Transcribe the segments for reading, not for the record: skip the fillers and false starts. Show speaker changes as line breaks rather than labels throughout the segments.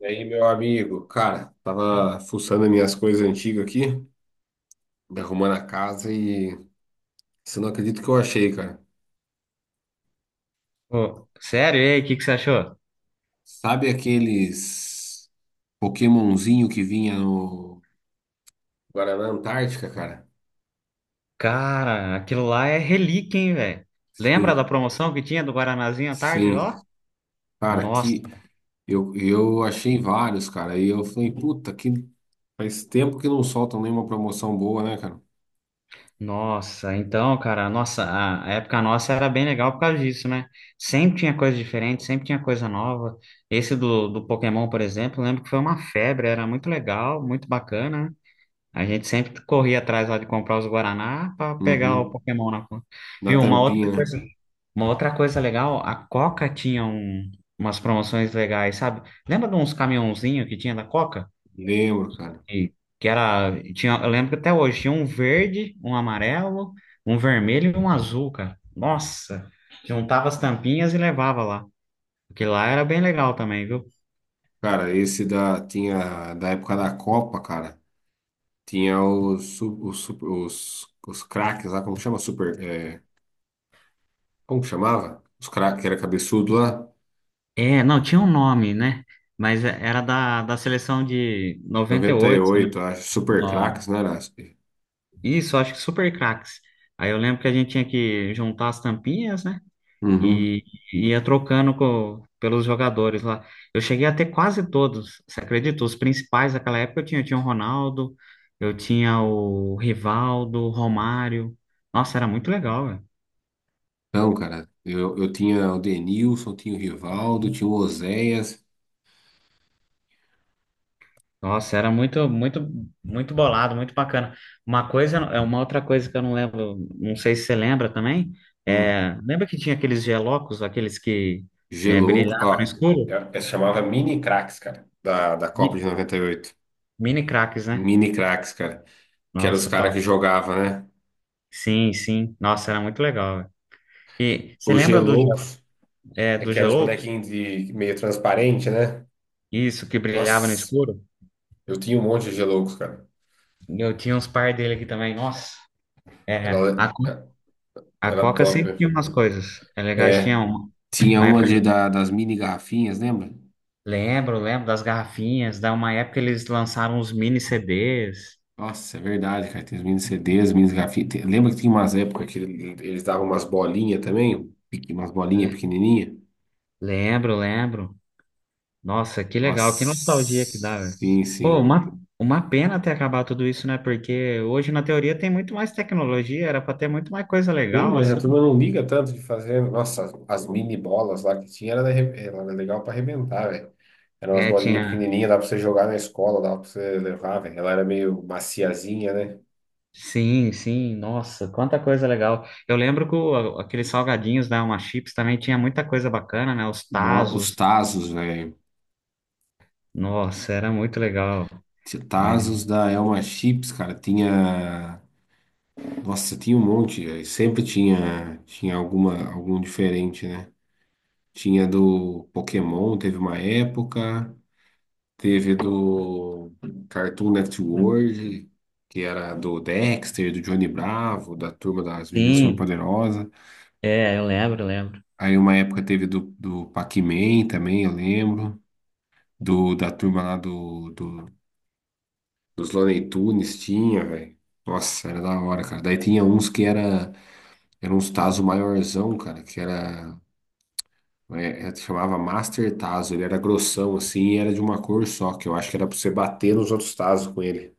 E aí, meu amigo, cara, tava fuçando as minhas coisas antigas aqui, arrumando a casa, e você não acredita o que eu achei, cara.
Ô, sério? E aí, o que que você achou?
Sabe aqueles Pokémonzinho que vinha no Guaraná Antártica, cara?
Cara, aquilo lá é relíquia, hein, velho? Lembra da
Sim,
promoção que tinha do Guaranazinho à tarde
sim.
lá?
Cara,
Nossa,
que eu achei vários, cara. E eu falei, puta, que faz tempo que não soltam nenhuma promoção boa, né, cara?
nossa. Então, cara, nossa, a época nossa era bem legal por causa disso, né? Sempre tinha coisa diferente, sempre tinha coisa nova. Esse do Pokémon, por exemplo, eu lembro que foi uma febre, era muito legal, muito bacana, né? A gente sempre corria atrás lá de comprar os Guaraná para pegar o
Uhum.
Pokémon na conta.
Na
Viu?
tampinha, né?
Uma outra coisa legal, a Coca tinha umas promoções legais, sabe? Lembra de uns caminhãozinhos que tinha da Coca?
Lembro, cara.
E, que era, tinha, eu lembro que até hoje tinha um verde, um amarelo, um vermelho e um azul, cara. Nossa, juntava as tampinhas e levava lá. Porque lá era bem legal também, viu?
Cara, esse da tinha da época da Copa, cara. Tinha os craques lá, como chama? Super, como que chamava? Os craques, que era cabeçudo lá,
É, não, tinha um nome, né? Mas era da seleção de noventa e
noventa e
oito.
oito acho, super
Não,
craques, né? Era?
isso, acho que super craques. Aí eu lembro que a gente tinha que juntar as tampinhas, né?
Uhum.
E e ia trocando pelos jogadores lá. Eu cheguei a ter quase todos, você acredita? Os principais daquela época eu tinha o Ronaldo, eu tinha o Rivaldo, o Romário. Nossa, era muito legal, velho.
Então, cara, eu tinha o Denilson, tinha o Rivaldo, tinha o Oséias,
Nossa, era muito, muito, muito bolado, muito bacana. Uma coisa, é uma outra coisa que eu não lembro, não sei se você lembra também.
hum,
É, lembra que tinha aqueles gelocos, aqueles que é,
Gelouco,
brilhavam no
ó,
escuro?
chamava mini craques, cara, da, da Copa de
Mi-
98.
Mini craques, né?
Mini craques, cara, que eram os
Nossa,
caras que
top.
jogavam, né?
Sim, sim. Nossa, era muito legal, velho. E você
Os
lembra do
Geloucos,
é,
é
do
que eram os
Geloucos?
bonequinhos de meio transparente, né?
Isso, que brilhava no
Nossa.
escuro?
Eu tinha um monte de Geloucos, cara.
Eu tinha uns par dele aqui também. Nossa. É, a,
Era,
A
era
Coca
top.
sempre tinha umas coisas. É legal, eles
É.
tinham
Tinha
uma
uma
época.
das mini garrafinhas, lembra?
Lembro, lembro das garrafinhas. Da uma época eles lançaram uns mini CDs.
Nossa, é verdade, cara. Tem os mini CDs, mini garrafinhas. Lembra que tinha umas épocas que eles davam umas bolinhas também? Pequ- Umas bolinhas
Le-
pequenininhas?
lembro, lembro. Nossa, que legal, que
Nossa,
nostalgia que dá, velho.
sim,
Pô,
sim.
uma pena ter acabado tudo isso, né? Porque hoje, na teoria, tem muito mais tecnologia, era para ter muito mais coisa
Sim,
legal,
mas
assim.
a turma não liga tanto de fazer. Nossa, as mini bolas lá que tinha era, era legal pra arrebentar, velho. Eram umas
É,
bolinhas
tinha.
pequenininhas, dava pra você jogar na escola, dava pra você levar, velho. Ela era meio maciazinha, né?
Sim, sim, nossa, quanta coisa legal. Eu lembro que aqueles salgadinhos da Uma Chips também tinha muita coisa bacana, né? Os
Os
Tazos,
Tazos, velho.
nossa, era muito legal.
Tinha
É.
Tazos da Elma Chips, cara, tinha. Nossa, tinha um monte, velho. Sempre tinha alguma, algum diferente, né? Tinha do Pokémon, teve uma época. Teve do Cartoon Network, que era do Dexter, do Johnny Bravo, da Turma das Meninas
Sim,
Superpoderosas.
é, eu lembro, lembro.
Aí uma época teve do, do Pac-Man também, eu lembro. Da turma lá do, do Dos Looney Tunes tinha, velho. Nossa, era da hora, cara. Daí tinha uns que era uns Tazo maiorzão, cara, que era, chamava Master Tazo. Ele era grossão, assim, e era de uma cor só, que eu acho que era pra você bater nos outros Tazo com ele.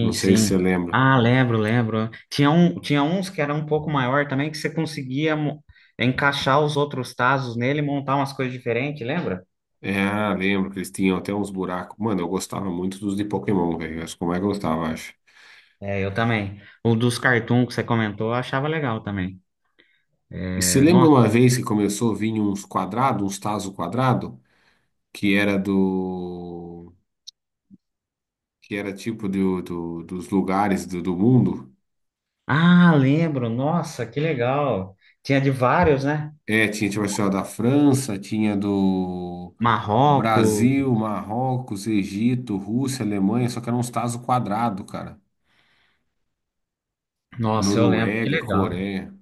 Não sei se
sim.
você lembra.
Ah, lembro, lembro. Tinha um, tinha uns que era um pouco maior também, que você conseguia encaixar os outros Tazos nele e montar umas coisas diferentes, lembra?
É, ah, lembro que eles tinham até uns buracos. Mano, eu gostava muito dos de Pokémon, velho. Acho que como é que eu gostava, acho.
É, eu também. O dos cartoon que você comentou, eu achava legal também.
E se
É,
lembra uma vez que começou a vir uns quadrados, uns Tazo quadrado, que era do que era tipo dos lugares do mundo.
ah, lembro. Nossa, que legal. Tinha de vários, né?
É, tinha tipo assim, ó, da França, tinha do Brasil,
Marrocos.
Marrocos, Egito, Rússia, Alemanha, só que eram uns tazos quadrados, cara.
Nossa, eu lembro. Que
Noruega,
legal.
Coreia.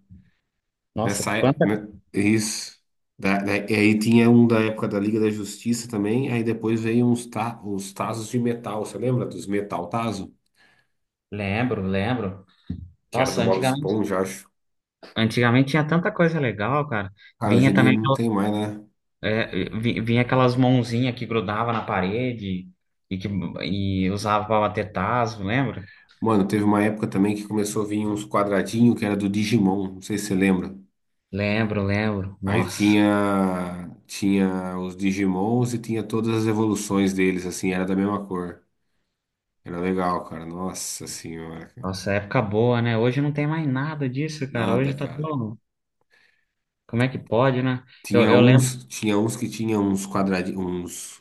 Nossa,
Nessa,
quanta...
né, isso. E aí tinha um da época da Liga da Justiça também, aí depois veio uns tazos de metal, você lembra dos metal tazo?
Lembro, lembro.
Que era do
Nossa,
Bob
antigamente,
Esponja, acho.
antigamente tinha tanta coisa legal, cara.
Cara, hoje
Vinha
em dia
também.
não tem mais, né?
É, vinha aquelas mãozinhas que grudava na parede e que usava até tazo, lembra?
Mano, teve uma época também que começou a vir uns quadradinhos que era do Digimon, não sei se você lembra.
Lembro, lembro.
Aí
Nossa,
tinha os Digimons e tinha todas as evoluções deles, assim, era da mesma cor. Era legal, cara. Nossa senhora, cara.
nossa, época boa, né? Hoje não tem mais nada disso, cara.
Nada,
Hoje tá
cara.
tão. Como é que pode, né? Eu,
Tinha
eu lembro.
uns, tinha uns que tinha uns quadradinhos,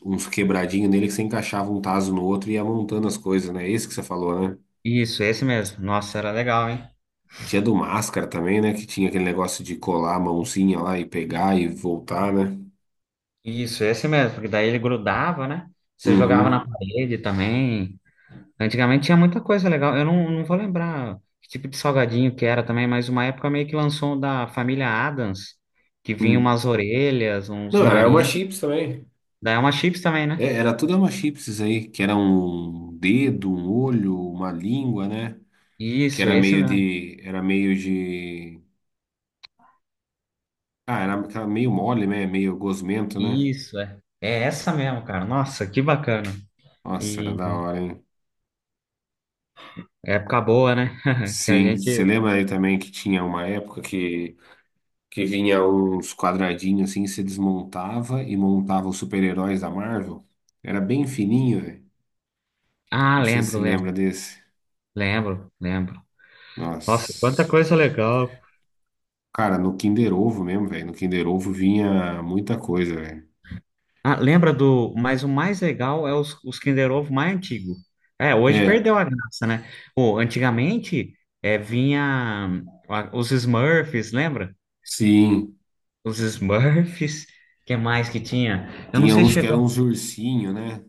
uns quebradinhos nele que você encaixava um taso no outro e ia montando as coisas, né? Esse que você falou, né?
Isso, esse mesmo. Nossa, era legal, hein?
Tinha do Máscara também, né? Que tinha aquele negócio de colar a mãozinha lá e pegar e voltar, né?
Isso, esse mesmo, porque daí ele grudava, né? Você jogava na
Uhum.
parede também. Antigamente tinha muita coisa legal. Eu não vou lembrar que tipo de salgadinho que era também, mas uma época meio que lançou um da família Adams, que vinha
Uhum.
umas orelhas, uns
Não, era uma
nariz.
chips também.
Daí é uma chips também, né?
É, era tudo uma chips aí, que era um dedo, um olho, uma língua, né? Que
Isso, esse mesmo.
era aquela meio mole, né? Meio gosmento, né?
Isso, é. É essa mesmo, cara. Nossa, que bacana.
Nossa, era da
E
hora, hein?
época boa, né? Que a
Sim, você
gente.
lembra aí também que tinha uma época que vinha uns quadradinhos assim, você desmontava e montava os super-heróis da Marvel? Era bem fininho, velho.
Ah,
Não sei se
lembro,
você lembra
lembro,
desse.
lembro, lembro. Nossa, quanta
Nossa.
coisa legal.
Cara, no Kinder Ovo mesmo, velho. No Kinder Ovo vinha muita coisa, velho.
Ah, lembra do. Mas o mais legal é os Kinder Ovo mais antigo. É, hoje
É,
perdeu a graça, né? Pô, antigamente é, vinha os Smurfs, lembra?
sim.
Os Smurfs, que mais que tinha? Eu não
Tinha
sei se
uns que eram
chegou.
uns ursinho, né?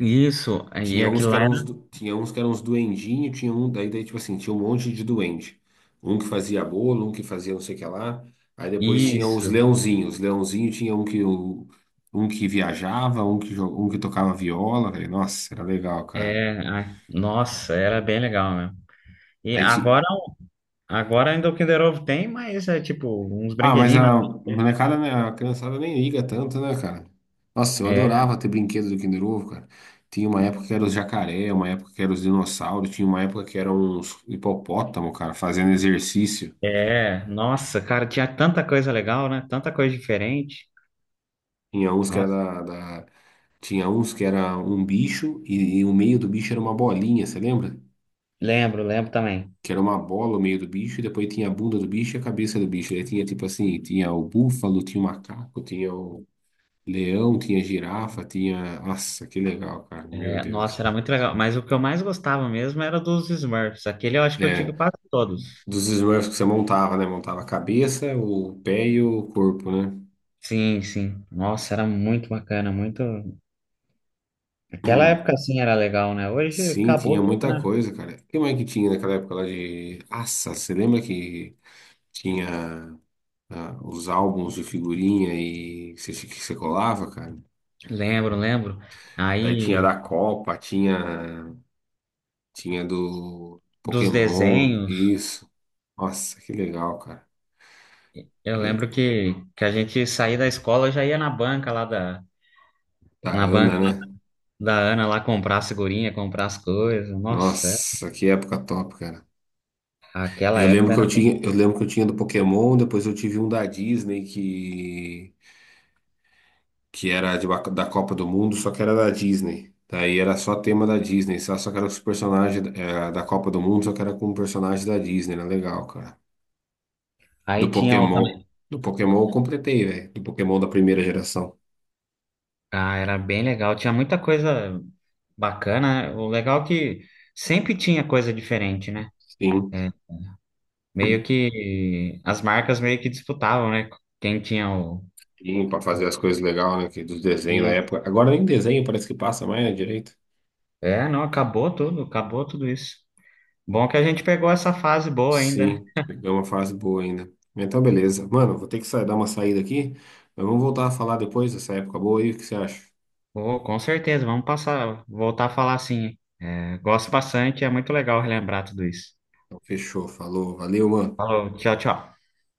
Isso, e
Tinha uns
aquilo
que
lá
eram
era.
uns, du- tinha uns que eram uns duendinho, tinha um, daí, tipo assim, tinha um monte de duende. Um que fazia bolo, um que fazia não sei o que lá. Aí depois tinha os
Isso,
leãozinhos. Os leãozinhos tinha um que, um que viajava, um que, um que tocava viola, velho. Nossa, era legal, cara.
é, ai, nossa, era bem legal mesmo. E
Aí,
agora,
ti-
agora ainda o Kinder Ovo tem, mas é tipo uns
Ah, mas
brinquedinhos, né?
a molecada, né? A criançada nem liga tanto, né, cara? Nossa, eu
É,
adorava ter brinquedo do Kinder Ovo, cara. Tinha uma época que era os jacaré, uma época que era os dinossauros, tinha uma época que era uns hipopótamo, cara, fazendo exercício.
é. Nossa, cara, tinha tanta coisa legal, né? Tanta coisa diferente.
Tinha uns que
Nossa.
era da, da- Tinha uns que era um bicho e o meio do bicho era uma bolinha, você lembra?
Lembro, lembro também.
Que era uma bola o meio do bicho, e depois tinha a bunda do bicho e a cabeça do bicho. Aí tinha tipo assim, tinha o búfalo, tinha o macaco, tinha o leão, tinha girafa, tinha. Nossa, que legal, cara. Meu
É,
Deus.
nossa, era muito legal. Mas o que eu mais gostava mesmo era dos Smurfs. Aquele eu acho que eu tive
É,
quase todos.
dos Smurfs que você montava, né? Montava a cabeça, o pé e o corpo, né?
Sim, sim. Nossa, era muito bacana, muito. Aquela época assim era legal, né? Hoje
Sim, tinha
acabou tudo,
muita
né?
coisa, cara. O que mais que tinha naquela época lá de. Nossa, você lembra que tinha os álbuns de figurinha e que você colava, cara?
Lembro, lembro.
Daí tinha
Aí
da Copa, tinha, tinha do
dos
Pokémon,
desenhos,
isso. Nossa, que legal, cara.
eu
Eu-
lembro que a gente saía da escola já ia na banca lá da
da
na banca
Ana, né?
da Ana lá comprar as figurinha, comprar as coisas. Nossa,
Nossa, que época top, cara.
aquela época era.
Eu lembro que eu tinha do Pokémon, depois eu tive um da Disney que da Copa do Mundo, só que era da Disney. Daí era só tema da Disney, só que era os personagens da Copa do Mundo, só que era com personagens da Disney, era legal, cara. Do
Aí tinha o
Pokémon,
também.
do Pokémon eu completei, velho. Do Pokémon da primeira geração.
Ah, era bem legal. Tinha muita coisa. Bacana, o legal é que sempre tinha coisa diferente, né?
Sim.
É, meio que as marcas meio que disputavam, né? Quem tinha o.
Sim, pra fazer as coisas legais, né? Que dos desenhos da
E,
época. Agora nem desenho parece que passa mais, né, direito.
é, não, acabou tudo isso. Bom que a gente pegou essa fase boa ainda, né?
Sim, pegou uma fase boa ainda. Então, beleza. Mano, vou ter que sair, dar uma saída aqui, mas vamos voltar a falar depois dessa época boa aí, o que você acha?
Pô, com certeza, vamos passar, voltar a falar assim. É, gosto bastante, é muito legal relembrar tudo isso.
Então, fechou, falou, valeu, mano.
Falou, tchau, tchau.